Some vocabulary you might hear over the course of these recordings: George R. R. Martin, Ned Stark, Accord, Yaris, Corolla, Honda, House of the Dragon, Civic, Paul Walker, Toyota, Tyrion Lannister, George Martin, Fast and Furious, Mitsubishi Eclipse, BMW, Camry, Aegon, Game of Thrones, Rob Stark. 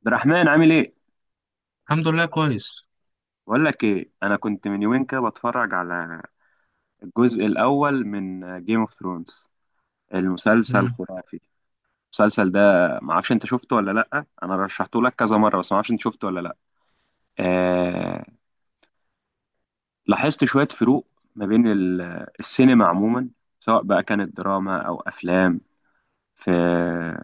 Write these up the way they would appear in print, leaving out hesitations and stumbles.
عبد الرحمن عامل ايه؟ الحمد لله كويس. بقول لك ايه، انا كنت من يومين كده بتفرج على الجزء الاول من جيم اوف ثرونز. المسلسل مم. خرافي. المسلسل ده ما اعرفش انت شفته ولا لا، انا رشحته لك كذا مره، بس ما اعرفش انت شفته ولا لا. آه... لاحظت شويه فروق ما بين السينما عموما، سواء بقى كانت دراما او افلام، في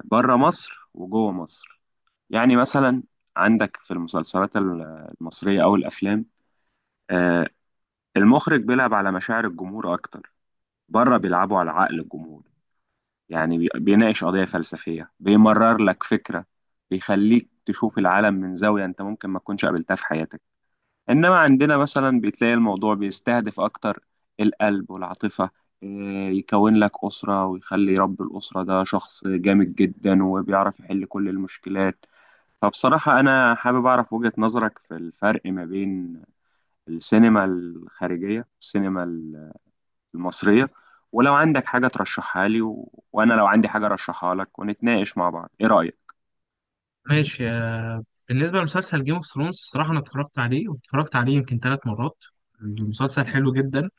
بره مصر وجوه مصر. يعني مثلا عندك في المسلسلات المصريه او الافلام، آه، المخرج بيلعب على مشاعر الجمهور اكتر. بره بيلعبوا على عقل الجمهور، يعني بيناقش قضية فلسفية، بيمرر لك فكرة، بيخليك تشوف العالم من زاوية انت ممكن ما تكونش قابلتها في حياتك. انما عندنا مثلا بتلاقي الموضوع بيستهدف اكتر القلب والعاطفة، إيه، يكون لك أسرة ويخلي رب الأسرة ده شخص جامد جدا وبيعرف يحل كل المشكلات. فبصراحة أنا حابب أعرف وجهة نظرك في الفرق ما بين السينما الخارجية والسينما المصرية، ولو عندك حاجة ترشحها لي وأنا لو عندي حاجة أرشحها لك ونتناقش مع بعض، إيه رأيك؟ ماشي، بالنسبة لمسلسل جيم اوف ثرونز الصراحة أنا اتفرجت عليه واتفرجت عليه يمكن 3 مرات. المسلسل حلو جدا.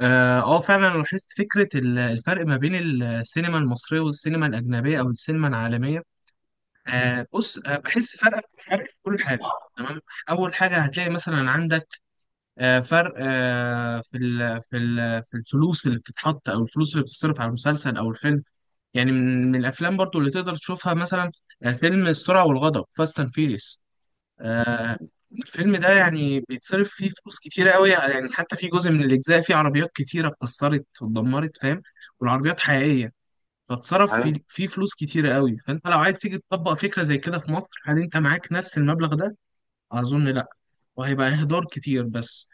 فعلا أنا لاحظت فكرة الفرق ما بين السينما المصرية والسينما الأجنبية أو السينما العالمية. بص، بحس فرق، فرق في كل حاجة. تمام. أول حاجة هتلاقي مثلا عندك فرق في ال في ال في الفلوس اللي بتتحط أو الفلوس اللي بتصرف على المسلسل أو الفيلم. يعني من الافلام برضو اللي تقدر تشوفها مثلا فيلم السرعه والغضب فاست اند فيريس. الفيلم ده يعني بيتصرف فيه فلوس كتيره قوي، يعني حتى في جزء من الاجزاء فيه عربيات كتيره اتكسرت واتدمرت فاهم. والعربيات حقيقيه. فاتصرف فيه أيوة، فيه فلوس كتيره قوي. فانت لو عايز تيجي تطبق فكره زي كده في مصر، هل انت معاك نفس المبلغ ده؟ اظن لا. وهيبقى اهدار كتير بس.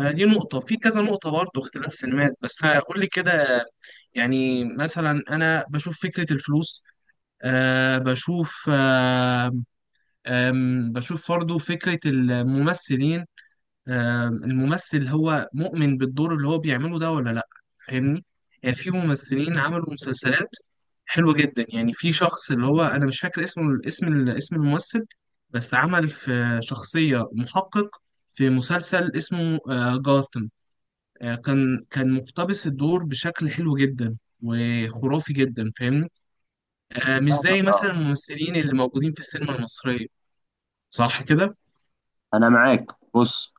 دي نقطة في كذا نقطة برضه اختلاف سينمات بس هقول لي كده. يعني مثلا أنا بشوف فكرة الفلوس. بشوف أه آم، بشوف برضه فكرة الممثلين. الممثل هو مؤمن بالدور اللي هو بيعمله ده ولا لأ؟ فاهمني. يعني في ممثلين عملوا مسلسلات حلوة جدا. يعني في شخص اللي هو أنا مش فاكر اسمه، اسم الممثل، بس عمل في شخصية محقق في مسلسل اسمه جاثم. كان مقتبس الدور بشكل حلو جدا وخرافي جدا فاهمني. مش فاهمك زي مثلا اه. الممثلين اللي موجودين في السينما المصرية، صح كده؟ أنا معاك. بص،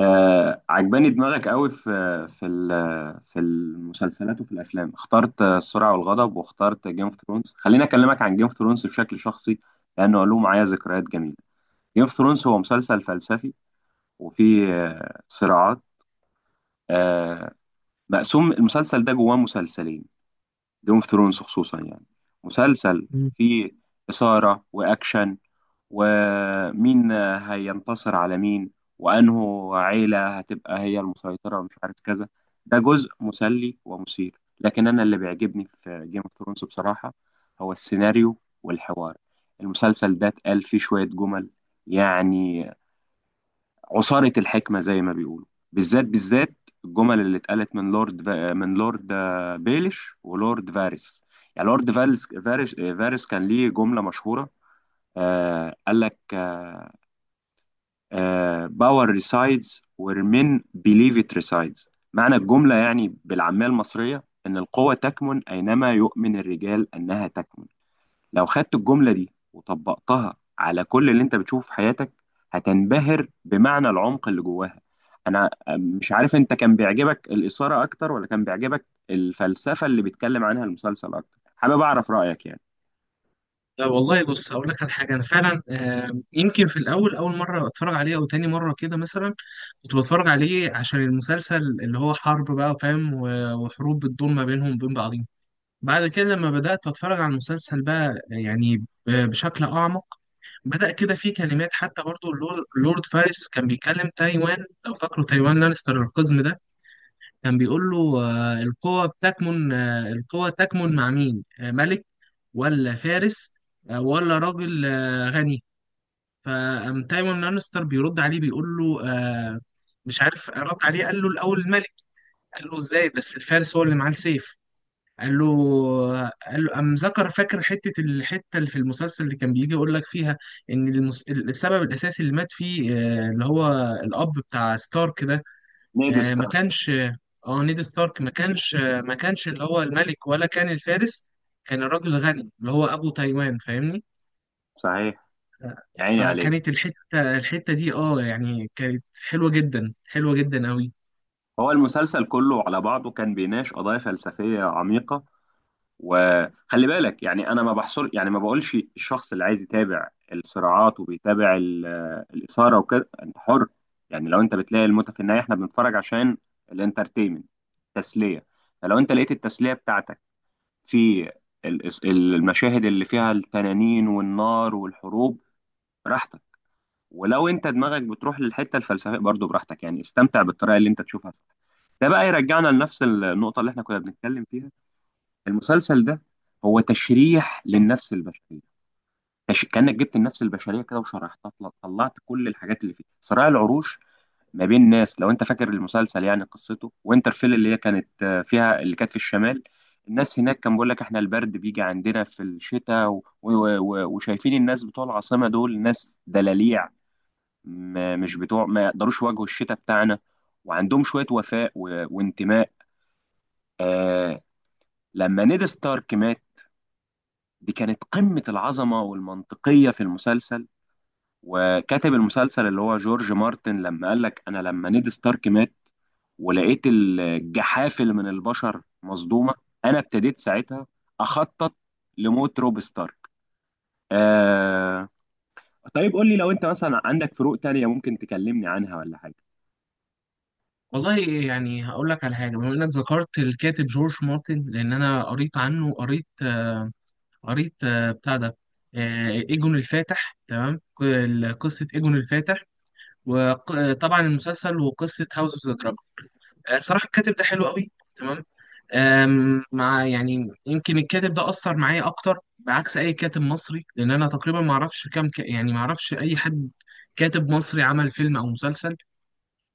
آه عجباني دماغك قوي في في في المسلسلات وفي الأفلام. اخترت آه، السرعة والغضب، واخترت جيم اوف ثرونز. خليني أكلمك عن جيم اوف ثرونز بشكل شخصي لأنه له معايا ذكريات جميلة. جيم اوف ثرونز هو مسلسل فلسفي، وفيه آه صراعات. آه، مقسوم المسلسل ده جواه مسلسلين. جيم اوف ثرونز خصوصا، يعني مسلسل مم. فيه إثارة وأكشن، ومين هينتصر على مين، وأنه عيلة هتبقى هي المسيطرة ومش عارف كذا. ده جزء مسلي ومثير، لكن أنا اللي بيعجبني في جيم اوف ثرونز بصراحة هو السيناريو والحوار. المسلسل ده اتقال فيه شوية جمل يعني عصارة الحكمة زي ما بيقولوا، بالذات الجمل اللي اتقالت من من لورد آه، بيليش ولورد فارس. يعني لورد فارس فارس كان ليه جملة مشهورة. آه قال لك باور ريسايدز وير مين بيليف ات ريسايدز. معنى الجملة يعني بالعامية المصرية إن القوة تكمن أينما يؤمن الرجال أنها تكمن. لو خدت الجملة دي وطبقتها على كل اللي انت بتشوفه في حياتك هتنبهر بمعنى العمق اللي جواها. انا مش عارف انت كان بيعجبك الإثارة اكتر ولا كان بيعجبك الفلسفة اللي بيتكلم عنها المسلسل اكتر. حابب اعرف رأيك يعني. لا والله بص، هقول لك على حاجة. أنا فعلا يمكن في الأول، أول مرة أتفرج عليه أو تاني مرة كده مثلا، كنت بتفرج عليه عشان المسلسل اللي هو حرب بقى فاهم، وحروب بتدور ما بينهم وبين بعضهم. بعد كده لما بدأت أتفرج على المسلسل بقى يعني بشكل أعمق، بدأ كده في كلمات. حتى برضو لورد فارس كان بيكلم تايوان، لو فاكروا تايوان لانستر القزم ده، كان بيقول له القوة بتكمن، القوة تكمن مع مين؟ ملك ولا فارس، ولا راجل غني؟ فقام تايوان لانستر بيرد عليه، بيقول له مش عارف رد عليه، قال له الأول الملك. قال له إزاي؟ بس الفارس هو اللي معاه السيف. قال له قال له قام ذكر، فاكر الحتة اللي في المسلسل اللي كان بيجي يقول لك فيها إن السبب الأساسي اللي مات فيه، اللي هو الأب بتاع ستارك ده، نيد ما ستارك. كانش. اه نيد ستارك ما كانش اللي هو الملك ولا كان الفارس، كان الراجل الغني اللي هو ابو تايوان فاهمني. صحيح. يا عيني عليك. فكانت الحته دي يعني كانت حلوه جدا، حلوه جدا قوي. هو المسلسل كله على بعضه كان بيناقش قضايا فلسفية عميقة. وخلي بالك يعني انا ما بحصر، يعني ما بقولش الشخص اللي عايز يتابع الصراعات وبيتابع الاثاره وكده انت حر. يعني لو انت بتلاقي المتعه في النهايه احنا بنتفرج عشان الانترتينمنت، تسليه. فلو انت لقيت التسليه بتاعتك في المشاهد اللي فيها التنانين والنار والحروب، براحتك. ولو انت دماغك بتروح للحته الفلسفيه برضو براحتك. يعني استمتع بالطريقه اللي انت تشوفها، صح. ده بقى يرجعنا لنفس النقطه اللي احنا كنا بنتكلم فيها. المسلسل ده هو تشريح للنفس البشريه. كانك جبت النفس البشريه كده وشرحتها، طلعت كل الحاجات اللي فيه صراع العروش ما بين ناس، لو انت فاكر المسلسل يعني قصته، وينترفيل اللي هي كانت آه، فيها، اللي كانت في الشمال. الناس هناك كان بيقول لك احنا البرد بيجي عندنا في الشتاء وشايفين الناس بتوع العاصمه دول ناس دلاليع، ما... مش بتوع، ما يقدروش يواجهوا الشتاء بتاعنا. وعندهم شويه وفاء وانتماء. آه... لما نيد ستارك مات، دي كانت قمة العظمة والمنطقية في المسلسل. وكاتب المسلسل اللي هو جورج مارتن لما قال لك أنا لما نيد ستارك مات ولقيت الجحافل من البشر مصدومة، أنا ابتديت ساعتها أخطط لموت روب ستارك. آه... طيب قول لي لو أنت مثلا عندك فروق تانية ممكن تكلمني عنها ولا حاجة. والله يعني هقول لك على حاجه، بما انك ذكرت الكاتب جورج مارتن، لان انا قريت عنه، قريت قريت بتاع ده، ايجون الفاتح، تمام، قصه ايجون الفاتح، وطبعا المسلسل وقصه هاوس اوف ذا دراجون. صراحه الكاتب ده حلو قوي. تمام. مع يعني يمكن الكاتب ده أثر معايا أكتر بعكس أي كاتب مصري، لأن أنا تقريبا ما أعرفش كام يعني ما أعرفش أي حد كاتب مصري عمل فيلم أو مسلسل.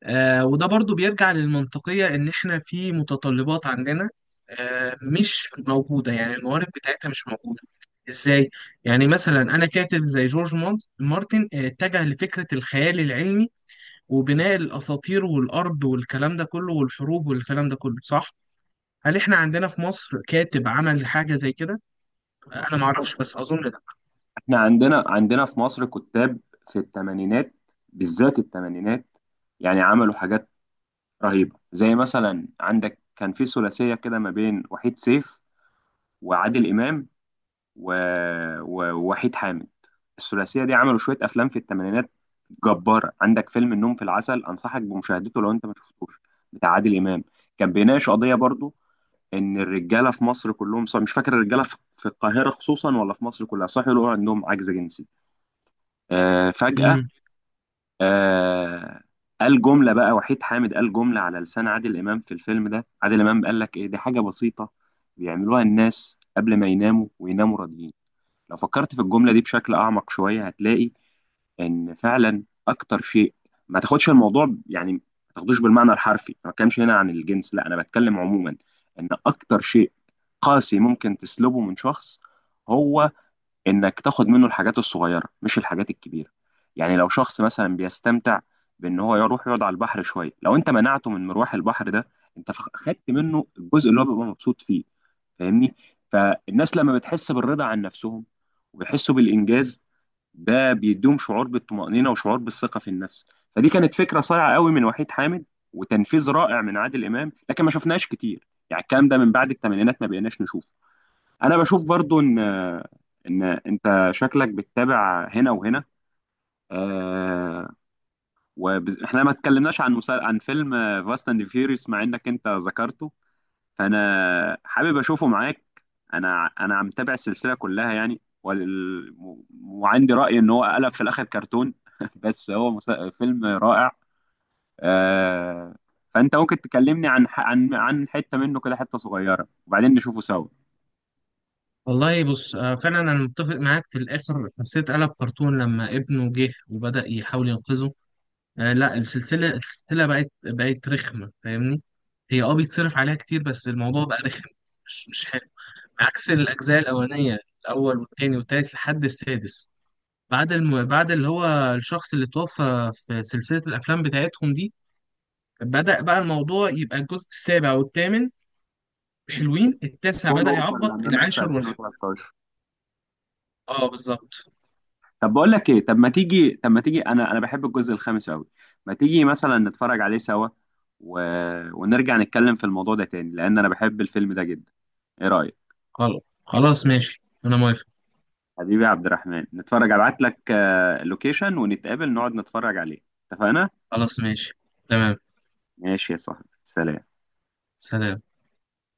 وده برضو بيرجع للمنطقية إن إحنا في متطلبات عندنا مش موجودة، يعني الموارد بتاعتها مش موجودة. إزاي؟ يعني مثلا أنا كاتب زي جورج مارتن، اتجه لفكرة الخيال العلمي وبناء الأساطير والأرض والكلام ده كله والحروب والكلام ده كله، صح؟ هل احنا عندنا في مصر كاتب عمل حاجة زي كده؟ انا ما اعرفش بس اظن لا. احنا عندنا في مصر كتاب في الثمانينات، بالذات الثمانينات، يعني عملوا حاجات رهيبة. زي مثلا عندك كان في ثلاثية كده ما بين وحيد سيف وعادل إمام و... ووحيد حامد. الثلاثية دي عملوا شوية أفلام في الثمانينات جبارة. عندك فيلم النوم في العسل، أنصحك بمشاهدته لو أنت ما شفتوش، بتاع عادل إمام. كان بيناقش قضية برضو إن الرجالة في مصر كلهم، صح مش فاكر الرجالة في القاهرة خصوصا ولا في مصر كلها، صح يقولوا عندهم عجز جنسي آه، فجأة. امم آه، قال جملة بقى وحيد حامد، قال جملة على لسان عادل إمام في الفيلم ده. عادل إمام قال لك إيه، دي حاجة بسيطة بيعملوها الناس قبل ما يناموا ويناموا راضيين. لو فكرت في الجملة دي بشكل أعمق شوية هتلاقي إن فعلا أكتر شيء، ما تاخدش الموضوع ما تاخدوش بالمعنى الحرفي. أنا ما بتكلمش هنا عن الجنس، لا أنا بتكلم عموما. إن أكتر شيء قاسي ممكن تسلبه من شخص هو انك تاخد منه الحاجات الصغيره مش الحاجات الكبيره. يعني لو شخص مثلا بيستمتع بان هو يروح يقعد على البحر شويه، لو انت منعته من مروح البحر ده، انت خدت منه الجزء اللي هو بيبقى مبسوط فيه، فاهمني. فالناس لما بتحس بالرضا عن نفسهم وبيحسوا بالانجاز، ده بيديهم شعور بالطمأنينه وشعور بالثقه في النفس. فدي كانت فكره صايعه قوي من وحيد حامد، وتنفيذ رائع من عادل امام. لكن ما شفناهاش كتير، يعني الكلام ده من بعد الثمانينات ما بقيناش نشوفه. انا بشوف برضو ان انت شكلك بتتابع هنا وهنا. آه، واحنا ما اتكلمناش عن عن فيلم فاست اند فيوريوس مع انك انت ذكرته، فانا حابب اشوفه معاك. انا عم متابع السلسله كلها يعني وعندي راي ان هو قلب في الاخر كرتون. بس هو فيلم رائع آه. فانت ممكن تكلمني عن عن حته منه كده، حته صغيره، وبعدين نشوفه سوا. والله بص، فعلا انا متفق معاك. في الاخر حسيت قلب كرتون لما ابنه جه وبدأ يحاول ينقذه. لا، السلسلة بقت رخمة، فاهمني؟ هي بيتصرف عليها كتير، بس الموضوع بقى رخم. مش حلو. عكس الاجزاء الاولانية، الاول والتاني والتالت لحد السادس. بعد اللي هو الشخص اللي توفى في سلسلة الافلام بتاعتهم دي، بدأ بقى الموضوع يبقى الجزء السابع والثامن حلوين، التاسع بول بدأ ووكر يعبط، لما مات في العاشر والحادي. 2013. اه، بالظبط. طب بقول لك ايه، طب ما تيجي انا بحب الجزء الخامس قوي. ما تيجي مثلا نتفرج عليه سوا و... ونرجع نتكلم في الموضوع ده تاني، لان انا بحب الفيلم ده جدا. ايه رأيك؟ خلاص، خلاص، ماشي، انا موافق. حبيبي يا عبد الرحمن، نتفرج. ابعت لك اللوكيشن ونتقابل نقعد نتفرج عليه. اتفقنا؟ خلاص، ماشي، تمام. ماشي يا صاحبي، سلام. سلام.